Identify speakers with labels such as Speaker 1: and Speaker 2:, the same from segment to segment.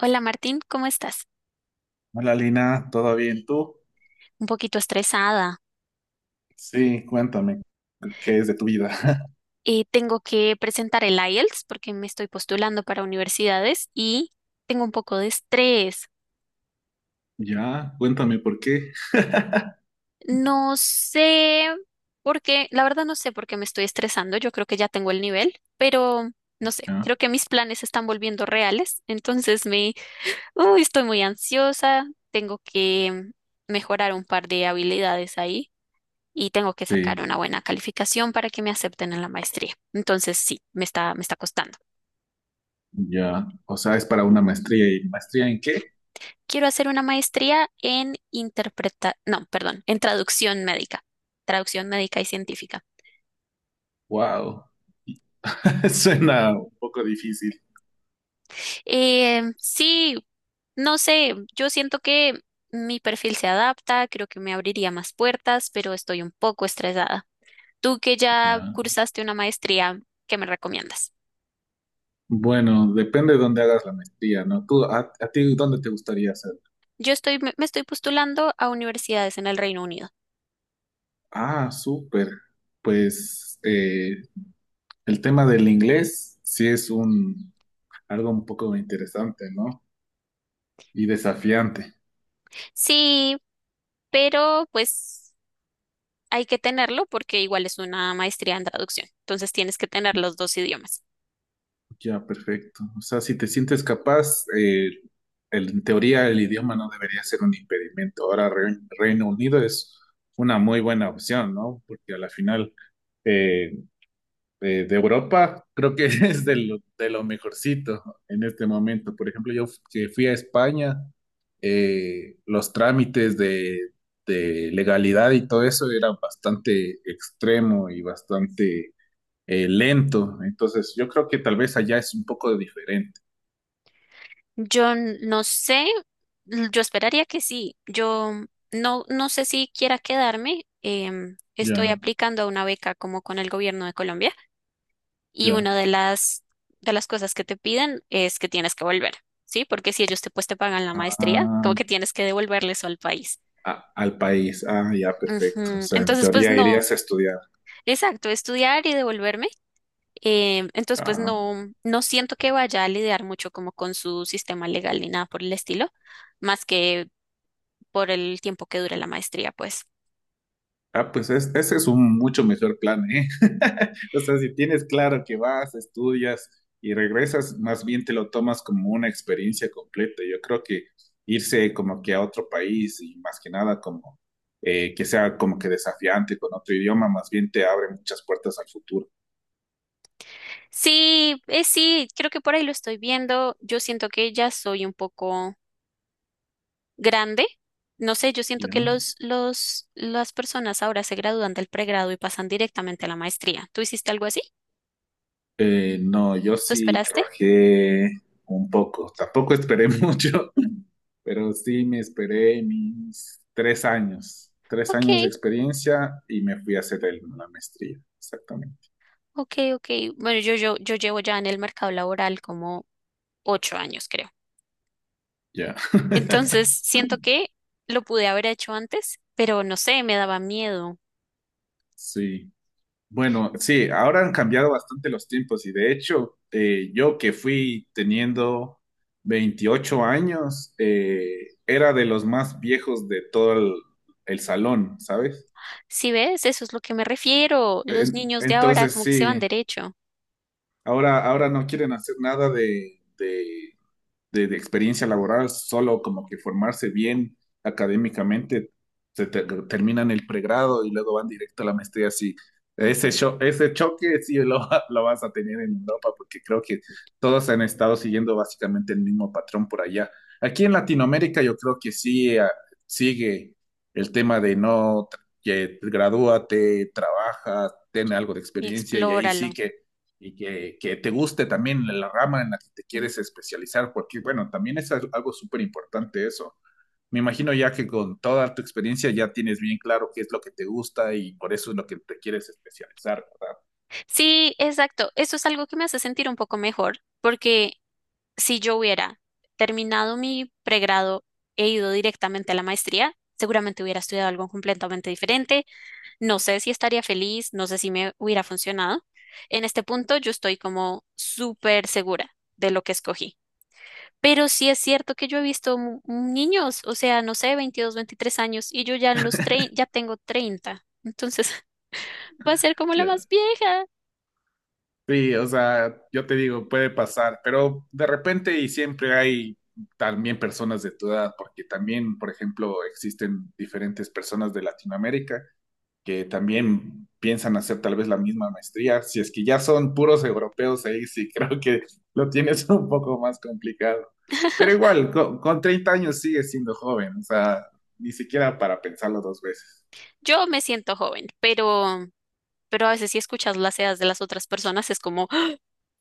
Speaker 1: Hola Martín, ¿cómo estás?
Speaker 2: Hola Lina, ¿todo bien tú?
Speaker 1: Un poquito estresada.
Speaker 2: Sí, cuéntame, ¿qué es de tu vida?
Speaker 1: Tengo que presentar el IELTS porque me estoy postulando para universidades y tengo un poco de estrés.
Speaker 2: Ya, cuéntame por qué.
Speaker 1: No sé por qué, la verdad no sé por qué me estoy estresando. Yo creo que ya tengo el nivel, pero no sé,
Speaker 2: Ya,
Speaker 1: creo que mis planes se están volviendo reales. Entonces, uy, estoy muy ansiosa. Tengo que mejorar un par de habilidades ahí. Y tengo que sacar
Speaker 2: sí,
Speaker 1: una buena calificación para que me acepten en la maestría. Entonces, sí, me está costando.
Speaker 2: ya. O sea, es para una maestría. ¿Y maestría en qué?
Speaker 1: Quiero hacer una maestría en interpreta, no, perdón, en traducción médica y científica.
Speaker 2: Wow, suena un poco difícil.
Speaker 1: Sí, no sé, yo siento que mi perfil se adapta, creo que me abriría más puertas, pero estoy un poco estresada. Tú que ya
Speaker 2: Ya.
Speaker 1: cursaste una maestría, ¿qué me recomiendas?
Speaker 2: Bueno, depende de dónde hagas la maestría, ¿no? ¿Tú, a ti dónde te gustaría hacer?
Speaker 1: Yo estoy, me me estoy postulando a universidades en el Reino Unido.
Speaker 2: Ah, súper. Pues el tema del inglés sí es un algo un poco interesante, ¿no? Y desafiante.
Speaker 1: Sí, pero pues hay que tenerlo porque igual es una maestría en traducción, entonces tienes que tener los dos idiomas.
Speaker 2: Ya, perfecto. O sea, si te sientes capaz, en teoría el idioma no debería ser un impedimento. Ahora Reino Unido es una muy buena opción, ¿no? Porque a la final eh, de Europa creo que es de de lo mejorcito en este momento. Por ejemplo, yo que fui a España, los trámites de legalidad y todo eso eran bastante extremo y bastante lento. Entonces, yo creo que tal vez allá es un poco diferente.
Speaker 1: Yo no sé, yo esperaría que sí, yo no, no sé si quiera quedarme, estoy
Speaker 2: Ya,
Speaker 1: aplicando a una beca como con el gobierno de Colombia y
Speaker 2: ya.
Speaker 1: una de las cosas que te piden es que tienes que volver, ¿sí? Porque si ellos te, pues, te pagan la maestría,
Speaker 2: Ah,
Speaker 1: como que tienes que devolverles al país.
Speaker 2: al país. Ah, ya, perfecto. O
Speaker 1: Ujú.
Speaker 2: sea, en
Speaker 1: Entonces, pues
Speaker 2: teoría
Speaker 1: no,
Speaker 2: irías a estudiar.
Speaker 1: exacto, estudiar y devolverme. Entonces, pues
Speaker 2: Ah,
Speaker 1: no, no siento que vaya a lidiar mucho como con su sistema legal ni nada por el estilo, más que por el tiempo que dure la maestría, pues.
Speaker 2: ah, pues ese es un mucho mejor plan, ¿eh? O sea, si tienes claro que vas, estudias y regresas, más bien te lo tomas como una experiencia completa. Yo creo que irse como que a otro país y más que nada como que sea como que desafiante con otro idioma, más bien te abre muchas puertas al futuro.
Speaker 1: Sí, sí, creo que por ahí lo estoy viendo. Yo siento que ya soy un poco grande. No sé, yo siento que
Speaker 2: Ya.
Speaker 1: las personas ahora se gradúan del pregrado y pasan directamente a la maestría. ¿Tú hiciste algo así?
Speaker 2: No, yo
Speaker 1: ¿Tú
Speaker 2: sí
Speaker 1: esperaste?
Speaker 2: trabajé un poco, tampoco esperé mucho, pero sí me esperé mis 3 años, tres
Speaker 1: Ok,
Speaker 2: años de experiencia y me fui a hacer la maestría, exactamente.
Speaker 1: ok, ok. Bueno, yo llevo ya en el mercado laboral como 8 años, creo.
Speaker 2: Ya.
Speaker 1: Entonces, siento que lo pude haber hecho antes, pero no sé, me daba miedo.
Speaker 2: Sí. Bueno, sí, ahora han cambiado bastante los tiempos y de hecho, yo que fui teniendo 28 años, era de los más viejos de todo el salón, ¿sabes?
Speaker 1: Si ves, eso es lo que me refiero. Los
Speaker 2: En-
Speaker 1: niños de ahora
Speaker 2: entonces
Speaker 1: como que se van
Speaker 2: sí,
Speaker 1: derecho.
Speaker 2: ahora no quieren hacer nada de experiencia laboral, solo como que formarse bien académicamente, se terminan el pregrado y luego van directo a la maestría. Sí,
Speaker 1: Ujú.
Speaker 2: ese choque sí lo vas a tener en Europa porque creo que todos han estado siguiendo básicamente el mismo patrón por allá. Aquí en Latinoamérica yo creo que sí sigue el tema de no, que gradúate, trabaja, ten algo de
Speaker 1: Y
Speaker 2: experiencia y ahí
Speaker 1: explóralo.
Speaker 2: sí que y que te guste también la rama en la que te
Speaker 1: Mm.
Speaker 2: quieres especializar, porque bueno, también es algo súper importante eso. Me imagino ya que con toda tu experiencia ya tienes bien claro qué es lo que te gusta y por eso es lo que te quieres especializar, ¿verdad?
Speaker 1: Sí, exacto. Eso es algo que me hace sentir un poco mejor, porque si yo hubiera terminado mi pregrado e ido directamente a la maestría, seguramente hubiera estudiado algo completamente diferente. No sé si estaría feliz, no sé si me hubiera funcionado. En este punto yo estoy como súper segura de lo que escogí. Pero sí es cierto que yo he visto niños, o sea, no sé, 22 23 años y yo ya en los ya tengo 30. Entonces, va a ser como la
Speaker 2: Ya. Yeah.
Speaker 1: más vieja.
Speaker 2: Sí, o sea, yo te digo, puede pasar, pero de repente y siempre hay también personas de tu edad, porque también, por ejemplo, existen diferentes personas de Latinoamérica que también piensan hacer tal vez la misma maestría. Si es que ya son puros europeos ahí, sí creo que lo tienes un poco más complicado. Pero igual, con 30 años sigues siendo joven, o sea, ni siquiera para pensarlo dos veces.
Speaker 1: Yo me siento joven, pero a veces si escuchas las edades de las otras personas es como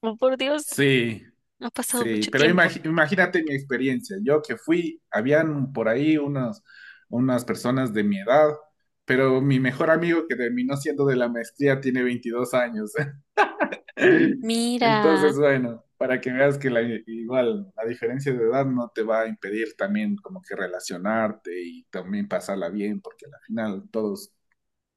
Speaker 1: oh, por Dios,
Speaker 2: Sí,
Speaker 1: ha pasado
Speaker 2: sí,
Speaker 1: mucho
Speaker 2: pero
Speaker 1: tiempo.
Speaker 2: imagínate mi experiencia. Yo que fui, habían por ahí unas personas de mi edad, pero mi mejor amigo que terminó siendo de la maestría tiene 22 años.
Speaker 1: Mira,
Speaker 2: Entonces, bueno, para que veas que igual la diferencia de edad no te va a impedir también como que relacionarte y también pasarla bien, porque al final todos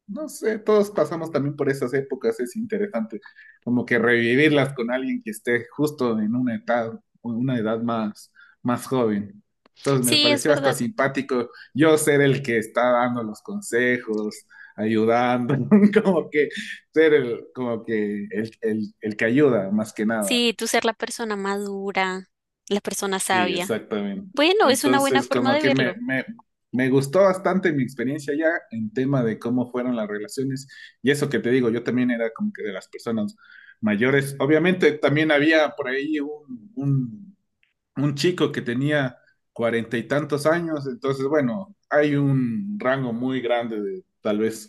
Speaker 2: no sé, todos pasamos también por esas épocas, es interesante como que revivirlas con alguien que esté justo en una edad, o en una edad más, más joven. Entonces me
Speaker 1: sí, es
Speaker 2: pareció hasta
Speaker 1: verdad.
Speaker 2: simpático yo ser el que está dando los consejos, ayudando, como que ser el, como que el que ayuda más que nada.
Speaker 1: Sí, tú ser la persona madura, la persona
Speaker 2: Sí,
Speaker 1: sabia.
Speaker 2: exactamente.
Speaker 1: Bueno, es una buena
Speaker 2: Entonces,
Speaker 1: forma
Speaker 2: como
Speaker 1: de
Speaker 2: que me,
Speaker 1: verlo.
Speaker 2: me, me gustó bastante mi experiencia ya en tema de cómo fueron las relaciones. Y eso que te digo, yo también era como que de las personas mayores. Obviamente, también había por ahí un chico que tenía cuarenta y tantos años. Entonces, bueno, hay un rango muy grande de tal vez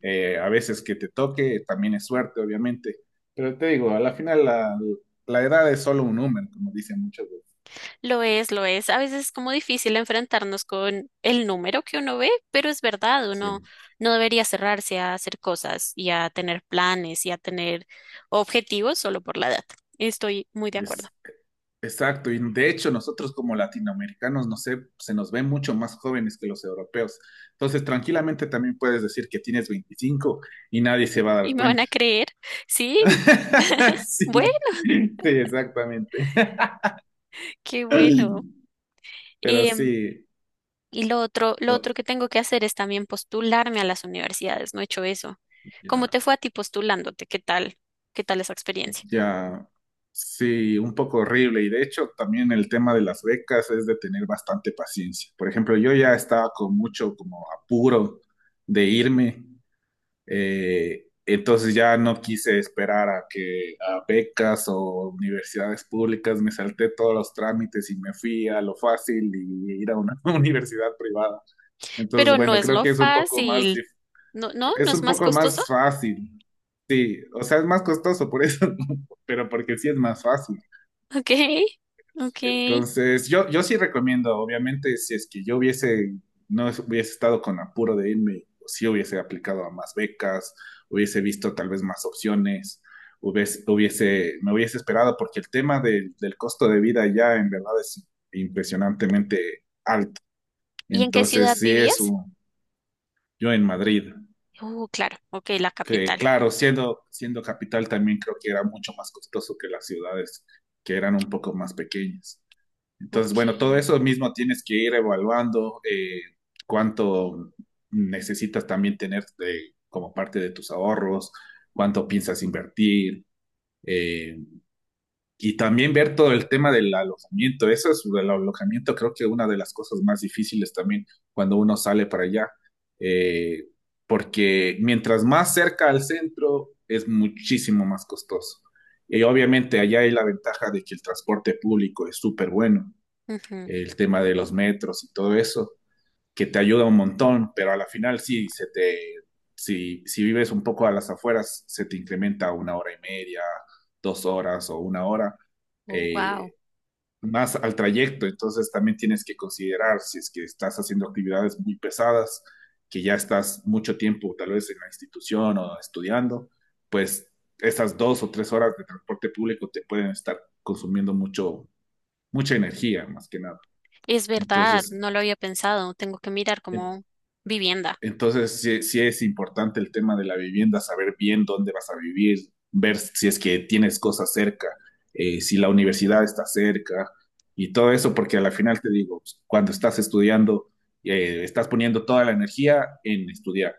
Speaker 2: a veces que te toque, también es suerte, obviamente. Pero te digo, a la final la edad es solo un número, como dicen muchos.
Speaker 1: Lo es, lo es. A veces es como difícil enfrentarnos con el número que uno ve, pero es verdad, uno
Speaker 2: Sí.
Speaker 1: no debería cerrarse a hacer cosas y a tener planes y a tener objetivos solo por la edad. Estoy muy de acuerdo.
Speaker 2: Pues, exacto, y de hecho nosotros como latinoamericanos, no sé, se nos ven mucho más jóvenes que los europeos. Entonces, tranquilamente también puedes decir que tienes 25 y nadie se va a
Speaker 1: ¿Y
Speaker 2: dar
Speaker 1: me van a
Speaker 2: cuenta.
Speaker 1: creer? Sí. Bueno,
Speaker 2: Sí, sí, exactamente.
Speaker 1: qué bueno.
Speaker 2: Pero sí,
Speaker 1: Y lo otro, lo
Speaker 2: no,
Speaker 1: otro que tengo que hacer es también postularme a las universidades. No he hecho eso. ¿Cómo
Speaker 2: ya,
Speaker 1: te fue a ti postulándote? ¿Qué tal? ¿Qué tal esa experiencia?
Speaker 2: ya, sí, un poco horrible. Y de hecho, también el tema de las becas es de tener bastante paciencia. Por ejemplo, yo ya estaba con mucho como apuro de irme. Entonces ya no quise esperar a becas o universidades públicas, me salté todos los trámites y me fui a lo fácil y ir a una universidad privada. Entonces,
Speaker 1: Pero no
Speaker 2: bueno,
Speaker 1: es
Speaker 2: creo
Speaker 1: lo
Speaker 2: que
Speaker 1: fácil. No, no, no
Speaker 2: es
Speaker 1: es
Speaker 2: un
Speaker 1: más
Speaker 2: poco
Speaker 1: costoso.
Speaker 2: más fácil. Sí, o sea, es más costoso por eso, pero porque sí es más fácil.
Speaker 1: Ok, ok.
Speaker 2: Entonces, yo sí recomiendo, obviamente, si es que yo hubiese, no hubiese estado con apuro de irme, sí hubiese aplicado a más becas, hubiese visto tal vez más opciones, me hubiese esperado, porque el tema del costo de vida ya en verdad es impresionantemente.
Speaker 1: ¿Y en qué ciudad
Speaker 2: Entonces, sí es
Speaker 1: vivías?
Speaker 2: un, yo en Madrid,
Speaker 1: Claro, ok, la
Speaker 2: que
Speaker 1: capital.
Speaker 2: claro, siendo capital también creo que era mucho más costoso que las ciudades que eran un poco más pequeñas. Entonces,
Speaker 1: Ok.
Speaker 2: bueno, todo eso mismo tienes que ir evaluando cuánto necesitas también tener como parte de tus ahorros, cuánto piensas invertir eh, y también ver todo el tema del alojamiento. Eso es el alojamiento, creo que una de las cosas más difíciles también cuando uno sale para allá, eh, porque mientras más cerca al centro es muchísimo más costoso. Y obviamente allá hay la ventaja de que el transporte público es súper bueno
Speaker 1: Ujú.
Speaker 2: el tema de los metros y todo eso, que te ayuda un montón, pero a la final sí, se te, si, si vives un poco a las afueras, se te incrementa a 1 hora y media, 2 horas o 1 hora.
Speaker 1: Oh, wow.
Speaker 2: Eh, Más al trayecto, entonces también tienes que considerar si es que estás haciendo actividades muy pesadas, que ya estás mucho tiempo tal vez en la institución o estudiando, pues esas 2 o 3 horas de transporte público te pueden estar consumiendo mucho, mucha energía más que nada.
Speaker 1: Es verdad,
Speaker 2: Entonces
Speaker 1: no lo había pensado. Tengo que mirar
Speaker 2: En-
Speaker 1: como vivienda.
Speaker 2: Entonces, sí, sí es importante el tema de la vivienda, saber bien dónde vas a vivir, ver si es que tienes cosas cerca, si la universidad está cerca y todo eso, porque a la final te digo, pues, cuando estás estudiando, estás poniendo toda la energía en estudiar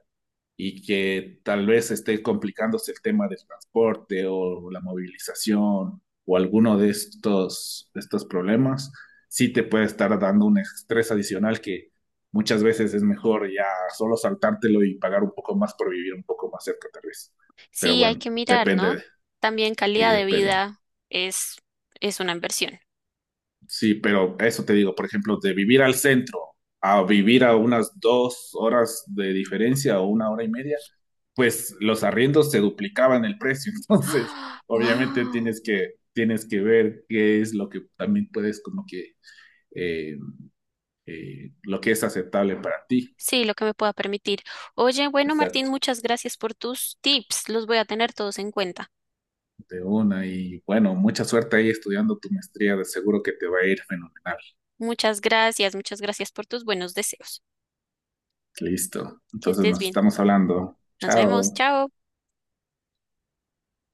Speaker 2: y que tal vez esté complicándose el tema del transporte o la movilización o alguno de estos, problemas, sí te puede estar dando un estrés adicional que muchas veces es mejor ya solo saltártelo y pagar un poco más por vivir un poco más cerca tal vez. Pero
Speaker 1: Sí, hay
Speaker 2: bueno,
Speaker 1: que mirar,
Speaker 2: depende,
Speaker 1: ¿no? También
Speaker 2: sí,
Speaker 1: calidad de
Speaker 2: depende.
Speaker 1: vida es, es una inversión.
Speaker 2: Sí, pero eso te digo, por ejemplo, de vivir al centro a vivir a unas 2 horas de diferencia o 1 hora y media, pues los arriendos se duplicaban el precio. Entonces, obviamente
Speaker 1: Wow.
Speaker 2: tienes que, ver qué es lo que también puedes como que, eh, lo que es aceptable para ti.
Speaker 1: Sí, lo que me pueda permitir. Oye, bueno, Martín,
Speaker 2: Exacto,
Speaker 1: muchas gracias por tus tips. Los voy a tener todos en cuenta.
Speaker 2: de una. Y bueno, mucha suerte ahí estudiando tu maestría. De seguro que te va a ir fenomenal.
Speaker 1: Muchas gracias por tus buenos deseos.
Speaker 2: Listo.
Speaker 1: Que
Speaker 2: Entonces
Speaker 1: estés
Speaker 2: nos
Speaker 1: bien.
Speaker 2: estamos hablando.
Speaker 1: Nos vemos.
Speaker 2: Chao.
Speaker 1: Chao.